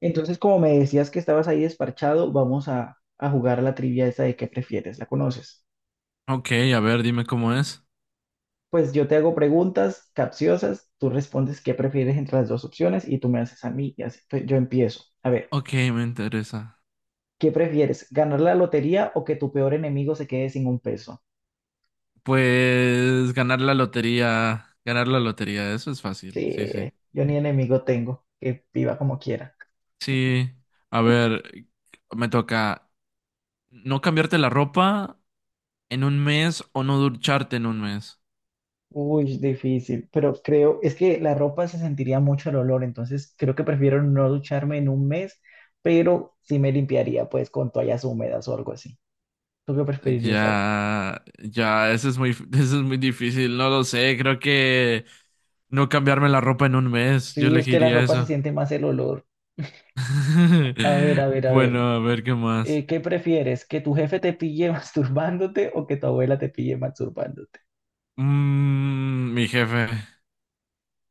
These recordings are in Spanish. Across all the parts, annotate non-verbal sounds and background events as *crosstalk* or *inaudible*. Entonces, como me decías que estabas ahí desparchado, vamos a jugar la trivia esa de qué prefieres, ¿la conoces? Ok, a ver, dime cómo es. Pues yo te hago preguntas capciosas, tú respondes qué prefieres entre las dos opciones y tú me haces a mí y así pues, yo empiezo. A ver, Ok, me interesa. ¿qué prefieres? ¿Ganar la lotería o que tu peor enemigo se quede sin un peso? Pues ganar la lotería, eso es fácil, sí, Sí, sí. yo ni enemigo tengo, que viva como quiera. Sí, a ver, me toca no cambiarte la ropa en un mes o no ducharte en un mes. Uy, difícil, pero creo, es que la ropa se sentiría mucho el olor, entonces creo que prefiero no ducharme en un mes, pero sí me limpiaría pues con toallas húmedas o algo así. ¿Tú qué preferirías ahí? Ya, ya, *laughs* eso es muy difícil, no lo sé, creo que no cambiarme la ropa en un mes, yo Sí, es que la elegiría ropa se eso. siente más el olor. A ver, *laughs* a ver, a ver. Bueno, a ver qué más. ¿Qué prefieres? ¿Que tu jefe te pille *laughs* masturbándote o que tu abuela te pille masturbándote? Mm, mi jefe.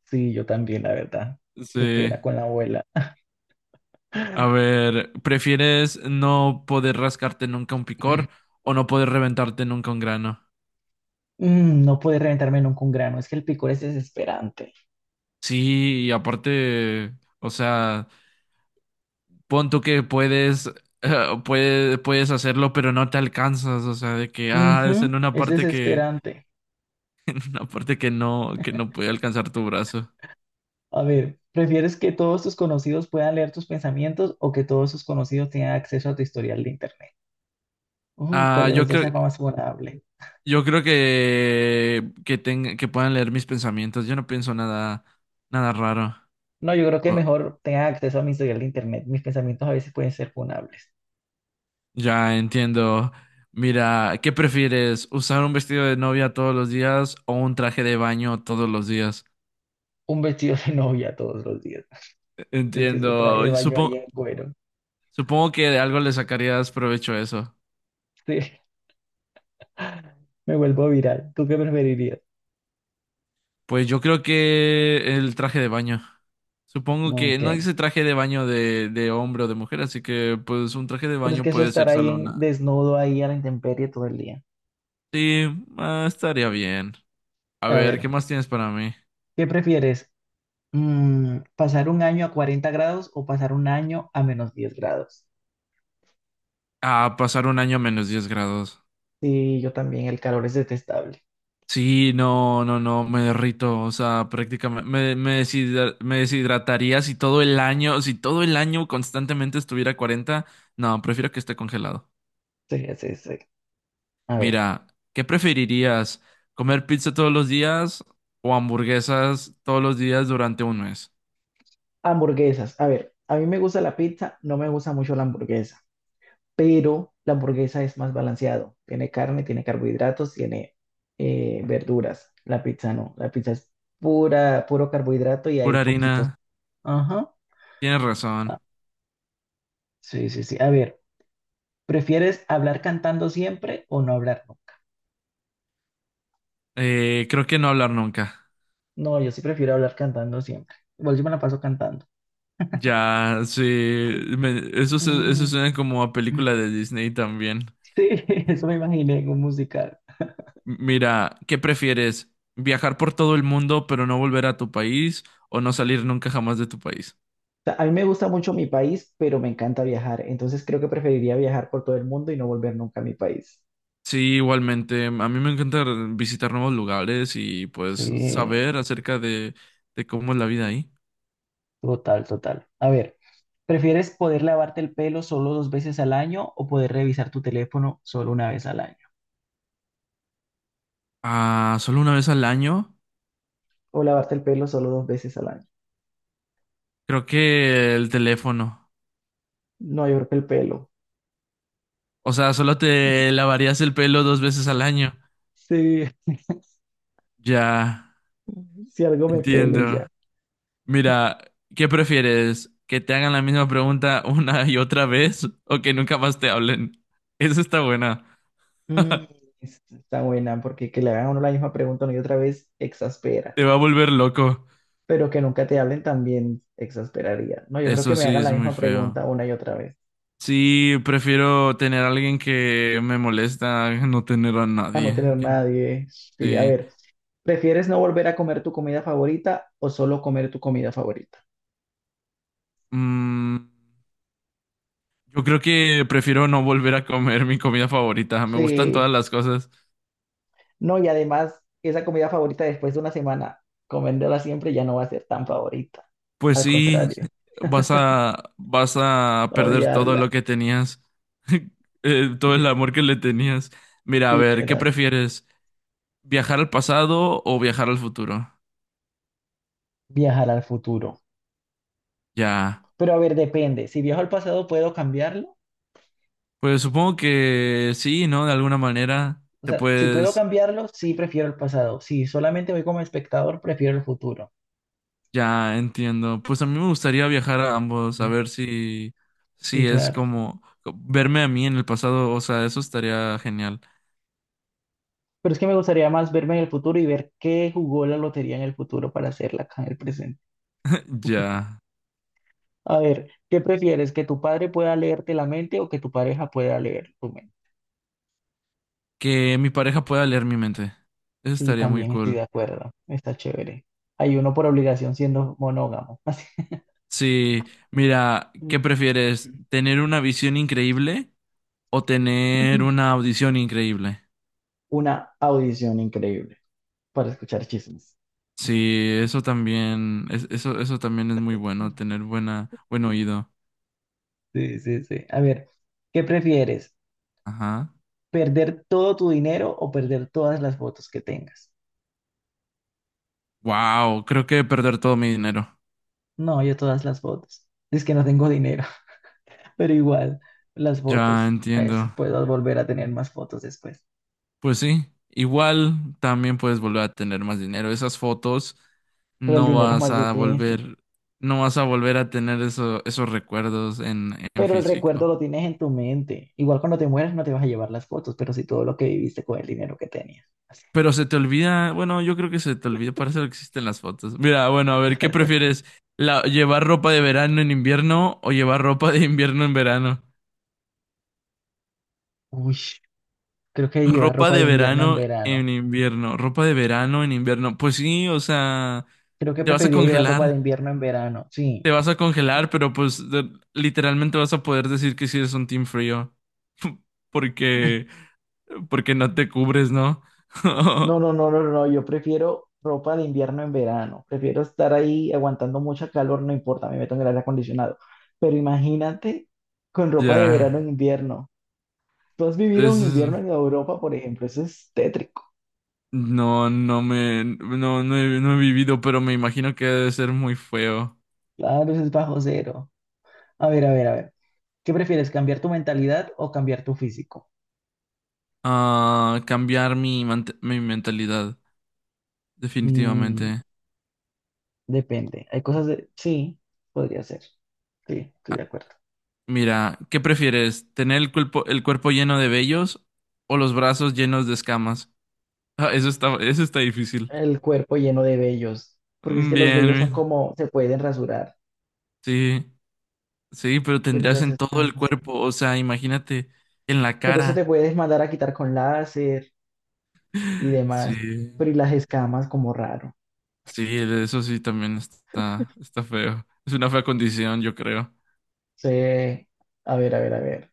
Sí, yo también, la verdad. Qué Sí. pena con la abuela. *gasps* A *laughs* ver, ¿prefieres no poder rascarte nunca un picor o no poder reventarte nunca un grano? No puede reventarme nunca un grano, es que el picor es desesperante. Sí, y aparte, o sea, pon tú que puedes, puedes hacerlo, pero no te alcanzas, o sea, de que, ah, es Ujú, en una es parte que, desesperante. *laughs* una parte que no puede alcanzar tu brazo. A ver, ¿prefieres que todos tus conocidos puedan leer tus pensamientos o que todos tus conocidos tengan acceso a tu historial de internet? Uy, ¿cuál Ah, de los yo dos creo, es más vulnerable? yo creo que puedan leer mis pensamientos, yo no pienso nada, nada raro. No, yo creo que mejor tengan acceso a mi historial de internet. Mis pensamientos a veces pueden ser funables. Ya entiendo. Mira, ¿qué prefieres? ¿Usar un vestido de novia todos los días o un traje de baño todos los días? Un vestido de *laughs* novia todos los días. Es que eso trae Entiendo. de Y baño ahí en cuero. supongo que de algo le sacarías provecho a eso. Sí, me vuelvo viral. ¿Tú qué preferirías? Pues yo creo que el traje de baño. Supongo No, que ok. no dice traje de baño de hombre o de mujer, así que pues un traje de Pero es baño que eso puede estar ser ahí solo en, una. desnudo ahí a la intemperie todo el día. Sí, estaría bien. A A ver, ¿qué ver, más tienes para mí? ¿qué prefieres? ¿Pasar un año a 40 grados o pasar un año a -10 grados? Ah, pasar un año a -10 grados. Sí, yo también, el calor es detestable. Sí, no, no, no, me derrito, o sea, prácticamente me deshidrataría si todo el año constantemente estuviera a 40, no, prefiero que esté congelado. Sí, sí, sí. A ver, Mira, ¿qué preferirías? ¿Comer pizza todos los días o hamburguesas todos los días durante un mes? hamburguesas. A ver, a mí me gusta la pizza, no me gusta mucho la hamburguesa, pero la hamburguesa es más balanceado. Tiene carne, tiene carbohidratos, tiene verduras. La pizza no, la pizza es pura, puro carbohidrato y hay Pura poquitos. harina, Ajá. tienes razón. Ah, sí, sí, sí. A ver, ¿prefieres hablar cantando siempre o no hablar? Creo que no hablar nunca. No, yo sí prefiero hablar cantando siempre. Igual yo me la paso cantando. Ya, sí, eso Mm. suena como a película de Disney también. Sí, *laughs* eso me imaginé en un musical. Mira, ¿qué prefieres? ¿Viajar por todo el mundo pero no volver a tu país o no salir nunca jamás de tu país? O sea, a mí me gusta mucho mi país, pero me encanta viajar. Entonces creo que preferiría viajar por todo el mundo y no volver nunca a mi país. Sí, igualmente. A mí me encanta visitar nuevos lugares y pues Sí, saber acerca de cómo es la vida ahí. total, total. A ver, ¿prefieres poder lavarte el pelo solo dos veces al año o poder revisar tu teléfono solo una vez al año? Ah, solo una vez al año. O lavarte el pelo solo dos veces al año. Creo que el teléfono. No, yo creo que el pelo. O sea, solo te lavarías el pelo dos veces al año. Sí, Ya, *laughs* si algo me pelo y entiendo. ya. Mira, ¿qué prefieres? ¿Que te hagan la misma pregunta *laughs* una y otra vez o que nunca más te hablen? Eso está buena. Mm, Está buena, porque que le hagan a uno la misma pregunta una y otra vez exaspera, Te va a volver loco. pero que nunca te hablen también exasperaría. No, yo creo que Eso me sí hagan la es muy misma feo. pregunta una y otra vez, Sí, prefiero tener a alguien que me molesta *laughs* a no tener a para no tener nadie. Que- nadie. Sí, a Sí. ver, ¿prefieres no volver a comer tu comida favorita o solo comer tu comida favorita? Mm, yo creo que prefiero no volver a comer mi comida favorita. Me gustan Sí, todas las cosas. no, y además, esa comida favorita después de una semana, comiéndola siempre ya no va a ser tan favorita. Pues Al sí, contrario, vas a perder todo odiarla. lo que tenías. *laughs* Todo el Sí, amor que le tenías. Mira, a ver, ¿qué literal. prefieres? ¿Viajar al pasado o viajar al futuro? Viajar al futuro. Ya, Pero a ver, depende. Si viajo al pasado, ¿puedo cambiarlo? pues supongo que sí, ¿no? De alguna manera O te sea, si puedo puedes, cambiarlo, sí prefiero el pasado. Si solamente voy como espectador, prefiero el futuro. ya entiendo. Pues a mí me gustaría viajar a ambos, a Mm. ver Sí, si es claro. como verme a mí en el pasado, o sea, eso estaría genial. Pero es que me gustaría más verme en el futuro y ver qué jugó la lotería en el futuro para hacerla acá en el presente. Ya, A ver, ¿qué prefieres? ¿Que tu padre pueda leerte la mente o que tu pareja pueda leer tu mente? que mi pareja pueda leer mi mente, eso Sí, estaría muy también estoy cool. de acuerdo. Está chévere. Hay uno por obligación siendo monógamo. *laughs* Así. Sí, mira, Mm. ¿qué prefieres? ¿Tener una visión increíble o tener una audición increíble? Una audición increíble para escuchar chismes. Sí, eso también, eso también es muy bueno, tener buen oído. Sí, sí, sí. A ver, ¿qué prefieres? Ajá. ¿Perder todo tu dinero o perder todas las fotos que tengas? Wow, creo que perder todo mi dinero. No, yo todas las fotos. Es que no tengo dinero, *laughs* pero igual, las Ya fotos. Eso, entiendo. puedo volver a tener más fotos después. Pues sí, igual también puedes volver a tener más dinero. Esas fotos Pero el no dinero es vas más a difícil. volver, no vas a volver a tener esos recuerdos en Pero el recuerdo físico. lo tienes en tu mente. Igual cuando te mueras no te vas a llevar las fotos, pero sí todo lo que viviste con el dinero que tenías. Pero se te olvida, bueno, yo creo que se te olvida, para eso existen las fotos. Mira, bueno, a ver, ¿qué *laughs* prefieres? ¿Llevar ropa de verano en invierno o llevar ropa de invierno en verano? Uy, creo que llevar Ropa ropa de de invierno en verano verano. en invierno, ropa de verano en invierno. Pues sí, o sea, Creo que te vas a preferiría llevar ropa de congelar, invierno en verano. Sí. te vas a congelar, pero pues literalmente vas a poder decir que sí eres un team frío, porque, porque no te cubres, ¿no? No, *laughs* no, no, no, no, no, yo prefiero ropa de invierno en verano, prefiero estar ahí aguantando mucha calor, no importa, me meto en el aire acondicionado, pero imagínate con ropa de Ya, verano en invierno. Tú has vivido un eso invierno es... en Europa, por ejemplo, eso es tétrico, No, no me, no, no he, no he vivido, pero me imagino que debe ser muy feo. claro, eso es bajo cero. A ver, a ver, a ver, ¿qué prefieres, cambiar tu mentalidad o cambiar tu físico? Ah, cambiar mi mentalidad, Mm, definitivamente. Depende, hay cosas de... Sí, podría ser, sí, estoy de Ah, acuerdo. mira, ¿qué prefieres? ¿Tener el cuerpo lleno de vellos o los brazos llenos de escamas? Ah, eso está difícil. El cuerpo lleno de vellos, porque es Mm, bien, que los vellos son bien. como, se pueden rasurar. Sí, sí, pero Pero, y tendrías las en todo el escamas. cuerpo, o sea, imagínate en la Pero eso te cara. puedes mandar a quitar con láser y demás. Sí, Pero y las escamas como raro. sí, eso sí también está feo. Es una fea condición, yo creo. Sí. A ver, a ver, a ver.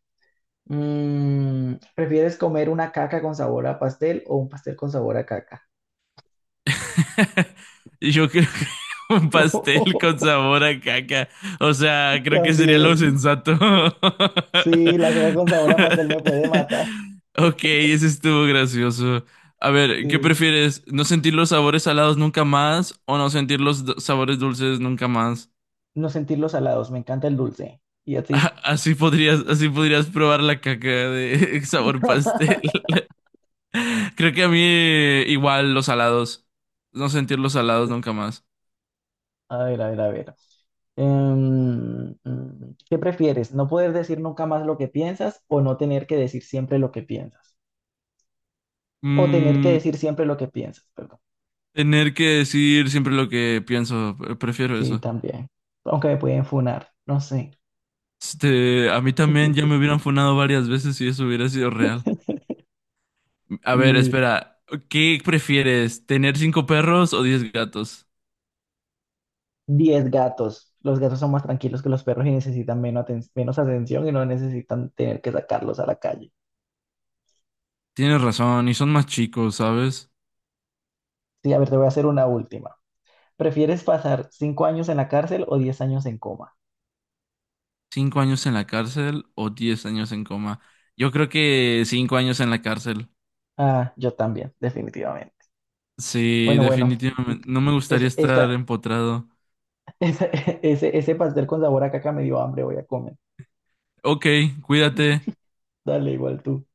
¿Prefieres comer una caca con sabor a pastel o un pastel con sabor a caca? *laughs* Yo creo que *laughs* un pastel con *laughs* sabor a caca. O sea, creo que sería lo También. sensato. *laughs* Sí, la caca con sabor a pastel me puede matar. Ok, ese estuvo gracioso. A ver, ¿qué Sí. prefieres? ¿No sentir los sabores salados nunca más o no sentir los sabores dulces nunca más? No sentir los salados, me encanta el dulce. ¿Y a *laughs* ti? Así podrías probar la caca de *laughs* sabor pastel. *laughs* *laughs* Creo que a mí igual los salados. No sentir los salados nunca más. A ver, a ver, a ver. ¿Qué prefieres? ¿No poder decir nunca más lo que piensas o no tener que decir siempre lo que piensas? O tener que Mm. decir siempre lo que piensas, perdón. Tener que decir siempre lo que pienso, prefiero Sí, eso. también. Aunque me pueden funar, no sé. Este, a mí también ya *laughs* me hubieran funado varias veces si eso hubiera sido real. A ver, Lit. espera, ¿qué prefieres? ¿Tener cinco perros o diez gatos? 10 gatos. Los gatos son más tranquilos que los perros y necesitan menos, menos atención y no necesitan tener que sacarlos a la calle. Tienes razón, y son más chicos, ¿sabes? Sí, a ver, te voy a hacer una última. ¿Prefieres pasar 5 años en la cárcel o 10 años en coma? ¿Cinco años en la cárcel o 10 años en coma? Yo creo que 5 años en la cárcel. Ah, yo también, definitivamente. Sí, Bueno, bueno, definitivamente. No me es, gustaría estar esta, empotrado. ese, *laughs* ese pastel con sabor a caca me dio hambre, voy a comer. Ok, cuídate. Dale, igual tú.